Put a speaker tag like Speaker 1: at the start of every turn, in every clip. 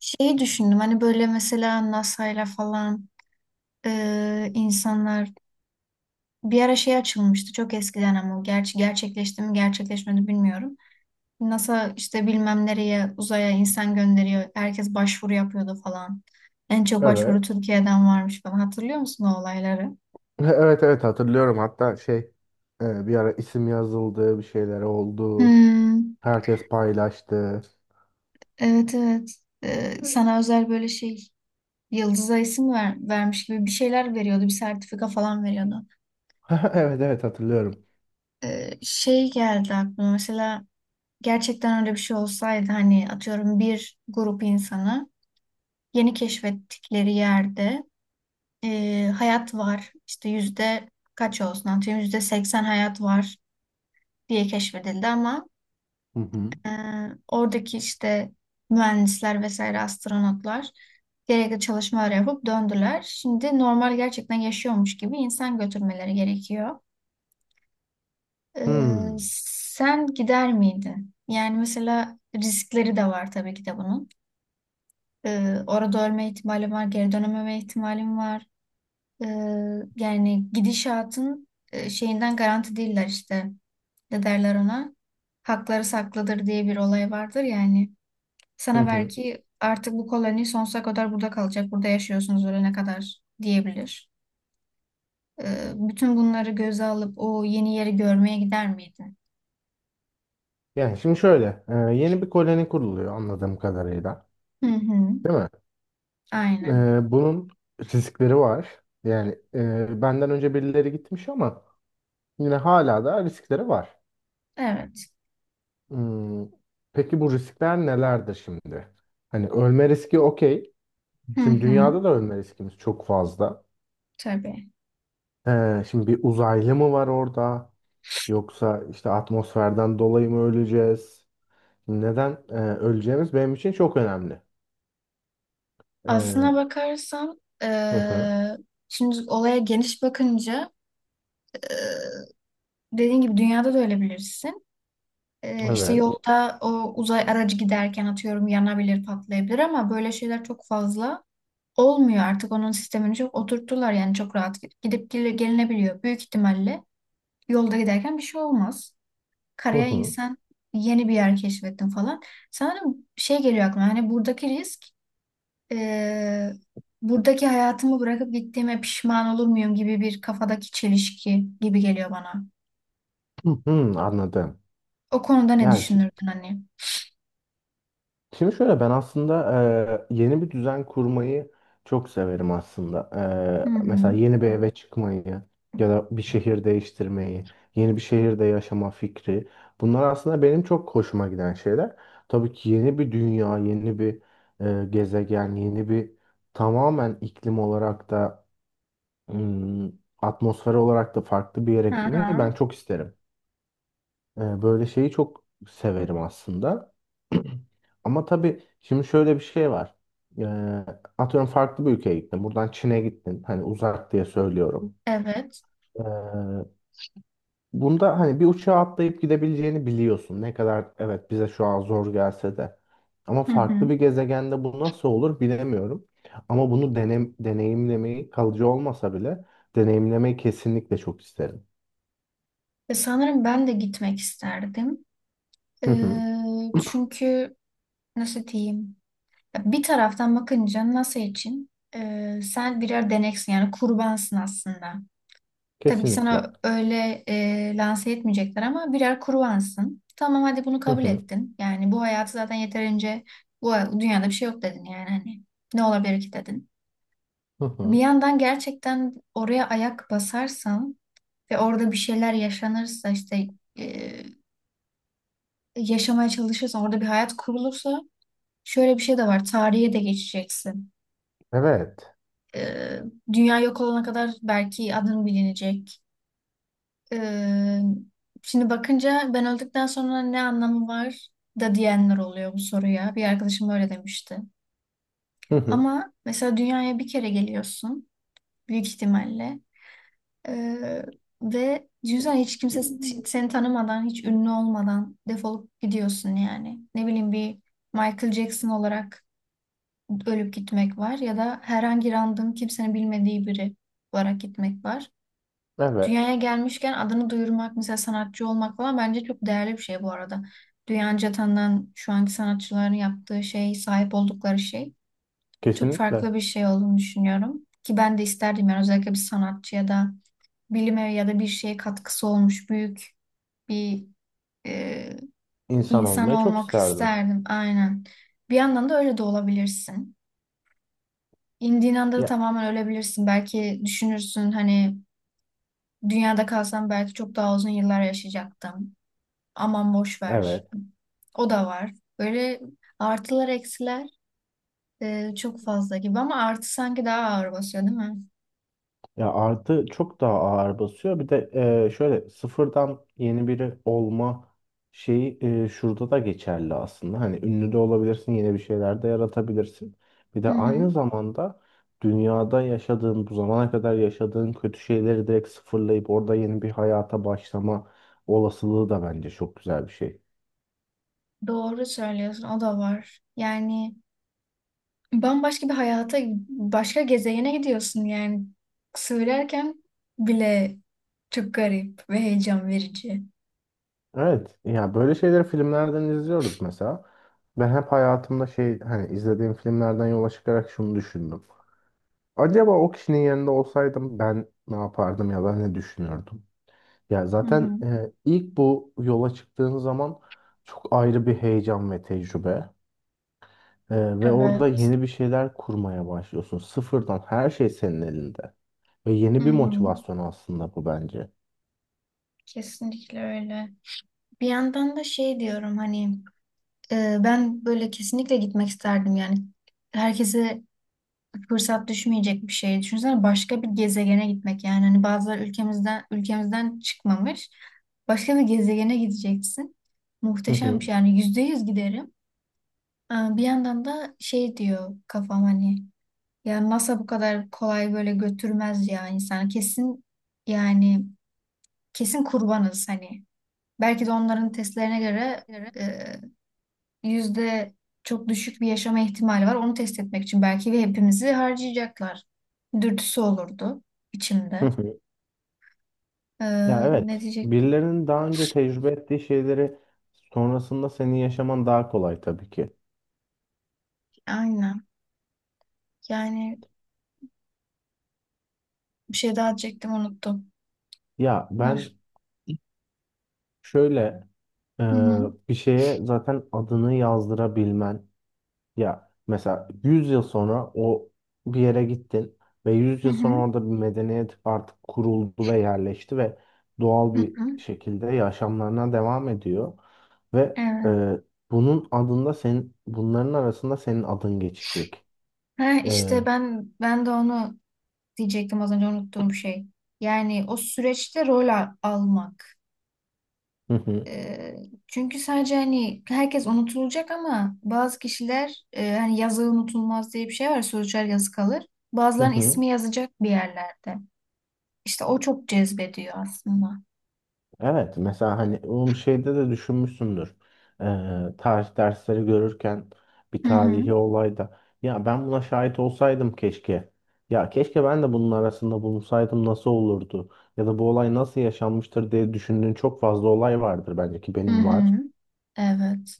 Speaker 1: Şeyi düşündüm hani böyle mesela NASA'yla falan insanlar bir ara şey açılmıştı çok eskiden ama o gerçi gerçekleşti mi gerçekleşmedi bilmiyorum. NASA işte bilmem nereye uzaya insan gönderiyor. Herkes başvuru yapıyordu falan. En çok başvuru
Speaker 2: Evet.
Speaker 1: Türkiye'den varmış falan. Hatırlıyor musun o olayları?
Speaker 2: Evet evet hatırlıyorum. Hatta bir ara isim yazıldı, bir şeyler oldu.
Speaker 1: Hmm,
Speaker 2: Herkes paylaştı.
Speaker 1: evet evet. Sana özel böyle şey yıldıza isim ver, vermiş gibi bir şeyler veriyordu. Bir sertifika falan veriyordu.
Speaker 2: Evet evet hatırlıyorum.
Speaker 1: Şey geldi aklıma mesela gerçekten öyle bir şey olsaydı hani atıyorum bir grup insanı yeni keşfettikleri yerde hayat var işte yüzde kaç olsun atıyorum %80 hayat var diye keşfedildi ama
Speaker 2: Hı hı.
Speaker 1: e, oradaki işte mühendisler vesaire astronotlar gerekli çalışmalar yapıp döndüler. Şimdi normal gerçekten yaşıyormuş gibi insan götürmeleri gerekiyor. E,
Speaker 2: Hmm.
Speaker 1: Sen gider miydin? Yani mesela riskleri de var tabii ki de bunun. Orada ölme ihtimalim var, geri dönememe ihtimalim var. Ee, Yani gidişatın şeyinden garanti değiller işte. Ne derler ona? Hakları saklıdır diye bir olay vardır yani.
Speaker 2: Hı
Speaker 1: Sana
Speaker 2: hı.
Speaker 1: belki artık bu koloni sonsuza kadar burada kalacak, burada yaşıyorsunuz ölene kadar diyebilir. Bütün bunları göze alıp o yeni yeri görmeye gider miydin?
Speaker 2: Yani şimdi şöyle, yeni bir koloni kuruluyor anladığım kadarıyla.
Speaker 1: Hı hı,
Speaker 2: Değil mi?
Speaker 1: aynen.
Speaker 2: Bunun riskleri var. Yani benden önce birileri gitmiş ama yine hala da riskleri var.
Speaker 1: Evet.
Speaker 2: Hmm. Peki bu riskler nelerdir şimdi? Hani ölme riski okey.
Speaker 1: Hı
Speaker 2: Şimdi
Speaker 1: hı,
Speaker 2: dünyada da ölme riskimiz çok fazla.
Speaker 1: tabii.
Speaker 2: Şimdi bir uzaylı mı var orada? Yoksa işte atmosferden dolayı mı öleceğiz? Neden öleceğimiz benim için çok önemli. E,
Speaker 1: Aslına bakarsan
Speaker 2: hı hı,
Speaker 1: şimdi olaya geniş bakınca eee dediğin gibi dünyada da öyle bilirsin. İşte
Speaker 2: evet.
Speaker 1: yolda o uzay aracı giderken atıyorum yanabilir, patlayabilir ama böyle şeyler çok fazla olmuyor. Artık onun sistemini çok oturttular yani çok rahat gidip gidip gelinebiliyor. Büyük ihtimalle yolda giderken bir şey olmaz.
Speaker 2: Hı
Speaker 1: Karaya
Speaker 2: hı,
Speaker 1: insan yeni bir yer keşfettin falan. Sanırım şey geliyor aklıma hani buradaki risk, e, buradaki hayatımı bırakıp gittiğime pişman olur muyum gibi bir kafadaki çelişki gibi geliyor bana.
Speaker 2: hı hı, anladım.
Speaker 1: O konuda ne
Speaker 2: Yani şi-
Speaker 1: düşünürdün hani?
Speaker 2: Şimdi, şöyle ben aslında yeni bir düzen kurmayı çok severim aslında.
Speaker 1: Hı hı.
Speaker 2: Mesela yeni bir eve çıkmayı ya da bir şehir değiştirmeyi, yeni bir şehirde yaşama fikri. Bunlar aslında benim çok hoşuma giden şeyler. Tabii ki yeni bir dünya, yeni bir gezegen, yeni bir tamamen iklim olarak da hmm, atmosfer olarak da farklı bir yere
Speaker 1: Hı
Speaker 2: gitmeyi
Speaker 1: hı.
Speaker 2: ben çok isterim. Böyle şeyi çok severim aslında. Ama tabii şimdi şöyle bir şey var. Ee, Atıyorum farklı bir ülkeye gittin. Buradan Çin'e gittin. Hani uzak diye söylüyorum.
Speaker 1: Evet.
Speaker 2: Ee, Bunda hani bir uçağa atlayıp gidebileceğini biliyorsun. Ne kadar evet bize şu an zor gelse de. Ama
Speaker 1: Hı hı.
Speaker 2: farklı bir gezegende bu nasıl olur bilemiyorum. Ama bunu deneyimlemeyi kalıcı olmasa bile deneyimlemeyi kesinlikle çok isterim.
Speaker 1: Sanırım ben de gitmek isterdim. E,
Speaker 2: Hı hı.
Speaker 1: Çünkü nasıl diyeyim? Ya, bir taraftan bakınca NASA için sen birer deneksin yani kurbansın aslında. Tabii ki
Speaker 2: Kesinlikle.
Speaker 1: sana öyle lanse etmeyecekler ama birer kruvansın. Tamam hadi bunu
Speaker 2: Hı
Speaker 1: kabul
Speaker 2: hı.
Speaker 1: ettin. Yani bu hayatı zaten yeterince dünyada bir şey yok dedin yani hani ne olabilir ki dedin.
Speaker 2: Hı
Speaker 1: Bir
Speaker 2: hı.
Speaker 1: yandan gerçekten oraya ayak basarsan ve orada bir şeyler yaşanırsa işte, e, yaşamaya çalışırsan orada bir hayat kurulursa şöyle bir şey de var, tarihe de geçeceksin.
Speaker 2: Evet.
Speaker 1: E, Dünya yok olana kadar belki adın bilinecek. Ee, Şimdi bakınca ben öldükten sonra ne anlamı var da diyenler oluyor bu soruya. Bir arkadaşım öyle demişti.
Speaker 2: Hı hı.
Speaker 1: Ama mesela dünyaya bir kere geliyorsun büyük ihtimalle. Ee, Ve düşünsene hiç kimse seni tanımadan, hiç ünlü olmadan defolup gidiyorsun yani. Ne bileyim bir Michael Jackson olarak ölüp gitmek var ya da herhangi random kimsenin bilmediği biri olarak gitmek var. Dünyaya
Speaker 2: Evet.
Speaker 1: gelmişken adını duyurmak, mesela sanatçı olmak falan bence çok değerli bir şey bu arada. Dünyaca tanınan şu anki sanatçıların yaptığı şey, sahip oldukları şey çok
Speaker 2: Kesinlikle.
Speaker 1: farklı bir şey olduğunu düşünüyorum. Ki ben de isterdim yani özellikle bir sanatçıya da bilime ya da bir şeye katkısı olmuş büyük bir e,
Speaker 2: İnsan
Speaker 1: insan
Speaker 2: olmayı çok
Speaker 1: olmak
Speaker 2: isterdim.
Speaker 1: isterdim. Aynen. Bir yandan da öyle de olabilirsin. İndiğin anda da
Speaker 2: Ya
Speaker 1: tamamen ölebilirsin. Belki düşünürsün hani dünyada kalsam belki çok daha uzun yıllar yaşayacaktım. Aman boş ver.
Speaker 2: evet.
Speaker 1: O da var. Böyle artılar eksiler çok fazla gibi ama artı sanki daha ağır basıyor değil mi?
Speaker 2: Ya artı çok daha ağır basıyor. Bir de şöyle sıfırdan yeni biri olma şeyi şurada da geçerli aslında. Hani ünlü de olabilirsin, yeni bir şeyler de yaratabilirsin. Bir de
Speaker 1: Hı
Speaker 2: aynı
Speaker 1: hı.
Speaker 2: zamanda dünyada yaşadığın, bu zamana kadar yaşadığın kötü şeyleri direkt sıfırlayıp orada yeni bir hayata başlama olasılığı da bence çok güzel bir şey.
Speaker 1: Doğru söylüyorsun o da var. Yani bambaşka bir hayata, başka gezegene gidiyorsun yani. Söylerken bile çok garip ve heyecan verici.
Speaker 2: Evet, ya böyle şeyleri filmlerden izliyoruz mesela. Ben hep hayatımda şey hani izlediğim filmlerden yola çıkarak şunu düşündüm. Acaba o kişinin yerinde olsaydım ben ne yapardım ya da ne düşünürdüm? Ya
Speaker 1: Hı
Speaker 2: zaten
Speaker 1: hı.
Speaker 2: ilk bu yola çıktığın zaman çok ayrı bir heyecan ve tecrübe. E, ve orada
Speaker 1: Evet.
Speaker 2: yeni bir şeyler kurmaya başlıyorsun. Sıfırdan her şey senin elinde. Ve
Speaker 1: Hı
Speaker 2: yeni bir
Speaker 1: hı.
Speaker 2: motivasyon aslında bu bence.
Speaker 1: Kesinlikle öyle. Bir yandan da şey diyorum hani, ben böyle kesinlikle gitmek isterdim yani. Herkese fırsat düşmeyecek bir şey. Düşünsene başka bir gezegene gitmek, yani hani bazıları ülkemizden çıkmamış. Başka bir gezegene gideceksin.
Speaker 2: Hı
Speaker 1: Muhteşem
Speaker 2: hı.
Speaker 1: bir şey yani, %100 giderim. Aa, bir yandan da şey diyor kafam hani ya NASA bu kadar kolay böyle götürmez ya insan, kesin yani, kesin kurbanız hani. Belki de onların testlerine göre
Speaker 2: Evet.
Speaker 1: yüzde çok düşük bir yaşama ihtimali var. Onu test etmek için belki ve hepimizi harcayacaklar. Dürtüsü olurdu
Speaker 2: Hı
Speaker 1: içimde.
Speaker 2: hı.
Speaker 1: Ee,
Speaker 2: Ya
Speaker 1: Ne
Speaker 2: evet,
Speaker 1: diyecektim?
Speaker 2: birilerinin daha önce tecrübe ettiği şeyleri sonrasında senin yaşaman daha kolay tabii ki.
Speaker 1: Aynen. Yani bir şey daha diyecektim, unuttum.
Speaker 2: Ya
Speaker 1: Dur.
Speaker 2: ben şöyle Ee,
Speaker 1: Hı hı.
Speaker 2: Bir şeye zaten adını yazdırabilmen ya mesela 100 yıl sonra o bir yere gittin ve yüz
Speaker 1: Hı
Speaker 2: yıl
Speaker 1: hı.
Speaker 2: sonra orada bir medeniyet artık kuruldu ve yerleşti ve doğal
Speaker 1: Hı
Speaker 2: bir
Speaker 1: hı.
Speaker 2: şekilde yaşamlarına devam ediyor ve
Speaker 1: Evet.
Speaker 2: bunun adında senin bunların arasında senin adın geçecek.
Speaker 1: Ha,
Speaker 2: Ee,
Speaker 1: işte ben de onu diyecektim, az önce unuttuğum şey. Yani o süreçte almak.
Speaker 2: hı hı,
Speaker 1: Ee, Çünkü sadece hani herkes unutulacak ama bazı kişiler, hani yazı unutulmaz diye bir şey var. Sözcüler yazı kalır.
Speaker 2: hı
Speaker 1: Bazılarının
Speaker 2: hı.
Speaker 1: ismi yazacak bir yerlerde. İşte o çok cezbediyor aslında.
Speaker 2: Evet mesela hani onu şeyde de düşünmüşsündür. Tarih dersleri görürken bir
Speaker 1: Hı hı.
Speaker 2: tarihi olayda ya ben buna şahit olsaydım keşke. Ya keşke ben de bunun arasında bulunsaydım nasıl olurdu? Ya da bu olay nasıl yaşanmıştır diye düşündüğün çok fazla olay vardır bence ki
Speaker 1: Hı
Speaker 2: benim var.
Speaker 1: hı. Evet.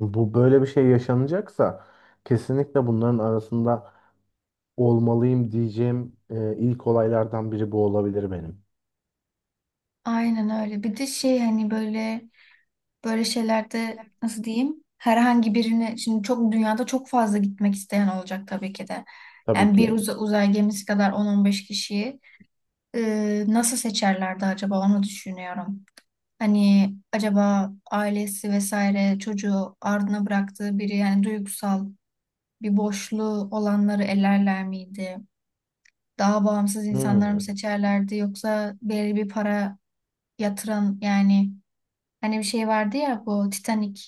Speaker 2: Bu böyle bir şey yaşanacaksa kesinlikle bunların arasında olmalıyım diyeceğim ilk olaylardan biri bu olabilir benim.
Speaker 1: Aynen öyle. Bir de şey hani böyle şeylerde nasıl diyeyim? Herhangi birini şimdi çok dünyada çok fazla gitmek isteyen olacak tabii ki de.
Speaker 2: Tabii
Speaker 1: Yani bir
Speaker 2: ki.
Speaker 1: uzay gemisi kadar 10-15 kişiyi nasıl seçerlerdi acaba onu düşünüyorum. Hani acaba ailesi vesaire çocuğu ardına bıraktığı biri, yani duygusal bir boşluğu olanları elerler miydi? Daha bağımsız insanları mı
Speaker 2: Hmm.
Speaker 1: seçerlerdi yoksa belli bir para yatıran yani, hani bir şey vardı ya bu Titanic,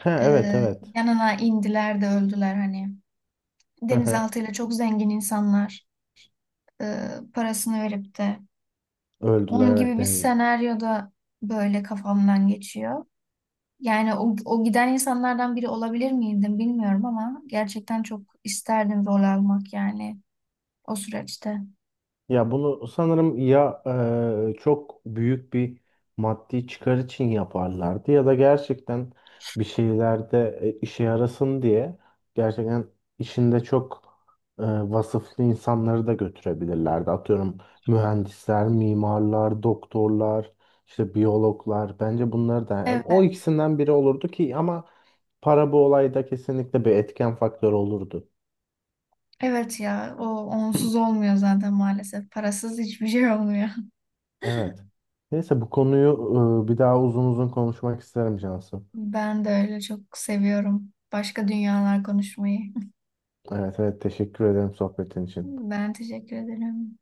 Speaker 2: Ha, evet
Speaker 1: e,
Speaker 2: evet.
Speaker 1: yanına indiler de öldüler hani, denizaltıyla çok zengin insanlar, e, parasını verip de
Speaker 2: Öldüler
Speaker 1: onun
Speaker 2: evet
Speaker 1: gibi bir
Speaker 2: denizde.
Speaker 1: senaryoda, böyle kafamdan geçiyor. Yani o giden insanlardan biri olabilir miydim bilmiyorum ama gerçekten çok isterdim rol almak yani o süreçte.
Speaker 2: Ya bunu sanırım ya çok büyük bir maddi çıkar için yaparlardı ya da gerçekten bir şeylerde işe yarasın diye gerçekten işinde çok vasıflı insanları da götürebilirlerdi. Atıyorum mühendisler, mimarlar, doktorlar, işte biyologlar bence bunları da yani o
Speaker 1: Evet.
Speaker 2: ikisinden biri olurdu ki ama para bu olayda kesinlikle bir etken faktörü olurdu.
Speaker 1: Evet ya, o onsuz olmuyor zaten maalesef. Parasız hiçbir şey olmuyor.
Speaker 2: Evet. Neyse bu konuyu bir daha uzun uzun konuşmak isterim Cansu.
Speaker 1: Ben de öyle çok seviyorum. Başka dünyalar konuşmayı.
Speaker 2: Evet evet teşekkür ederim sohbetin için.
Speaker 1: Ben teşekkür ederim.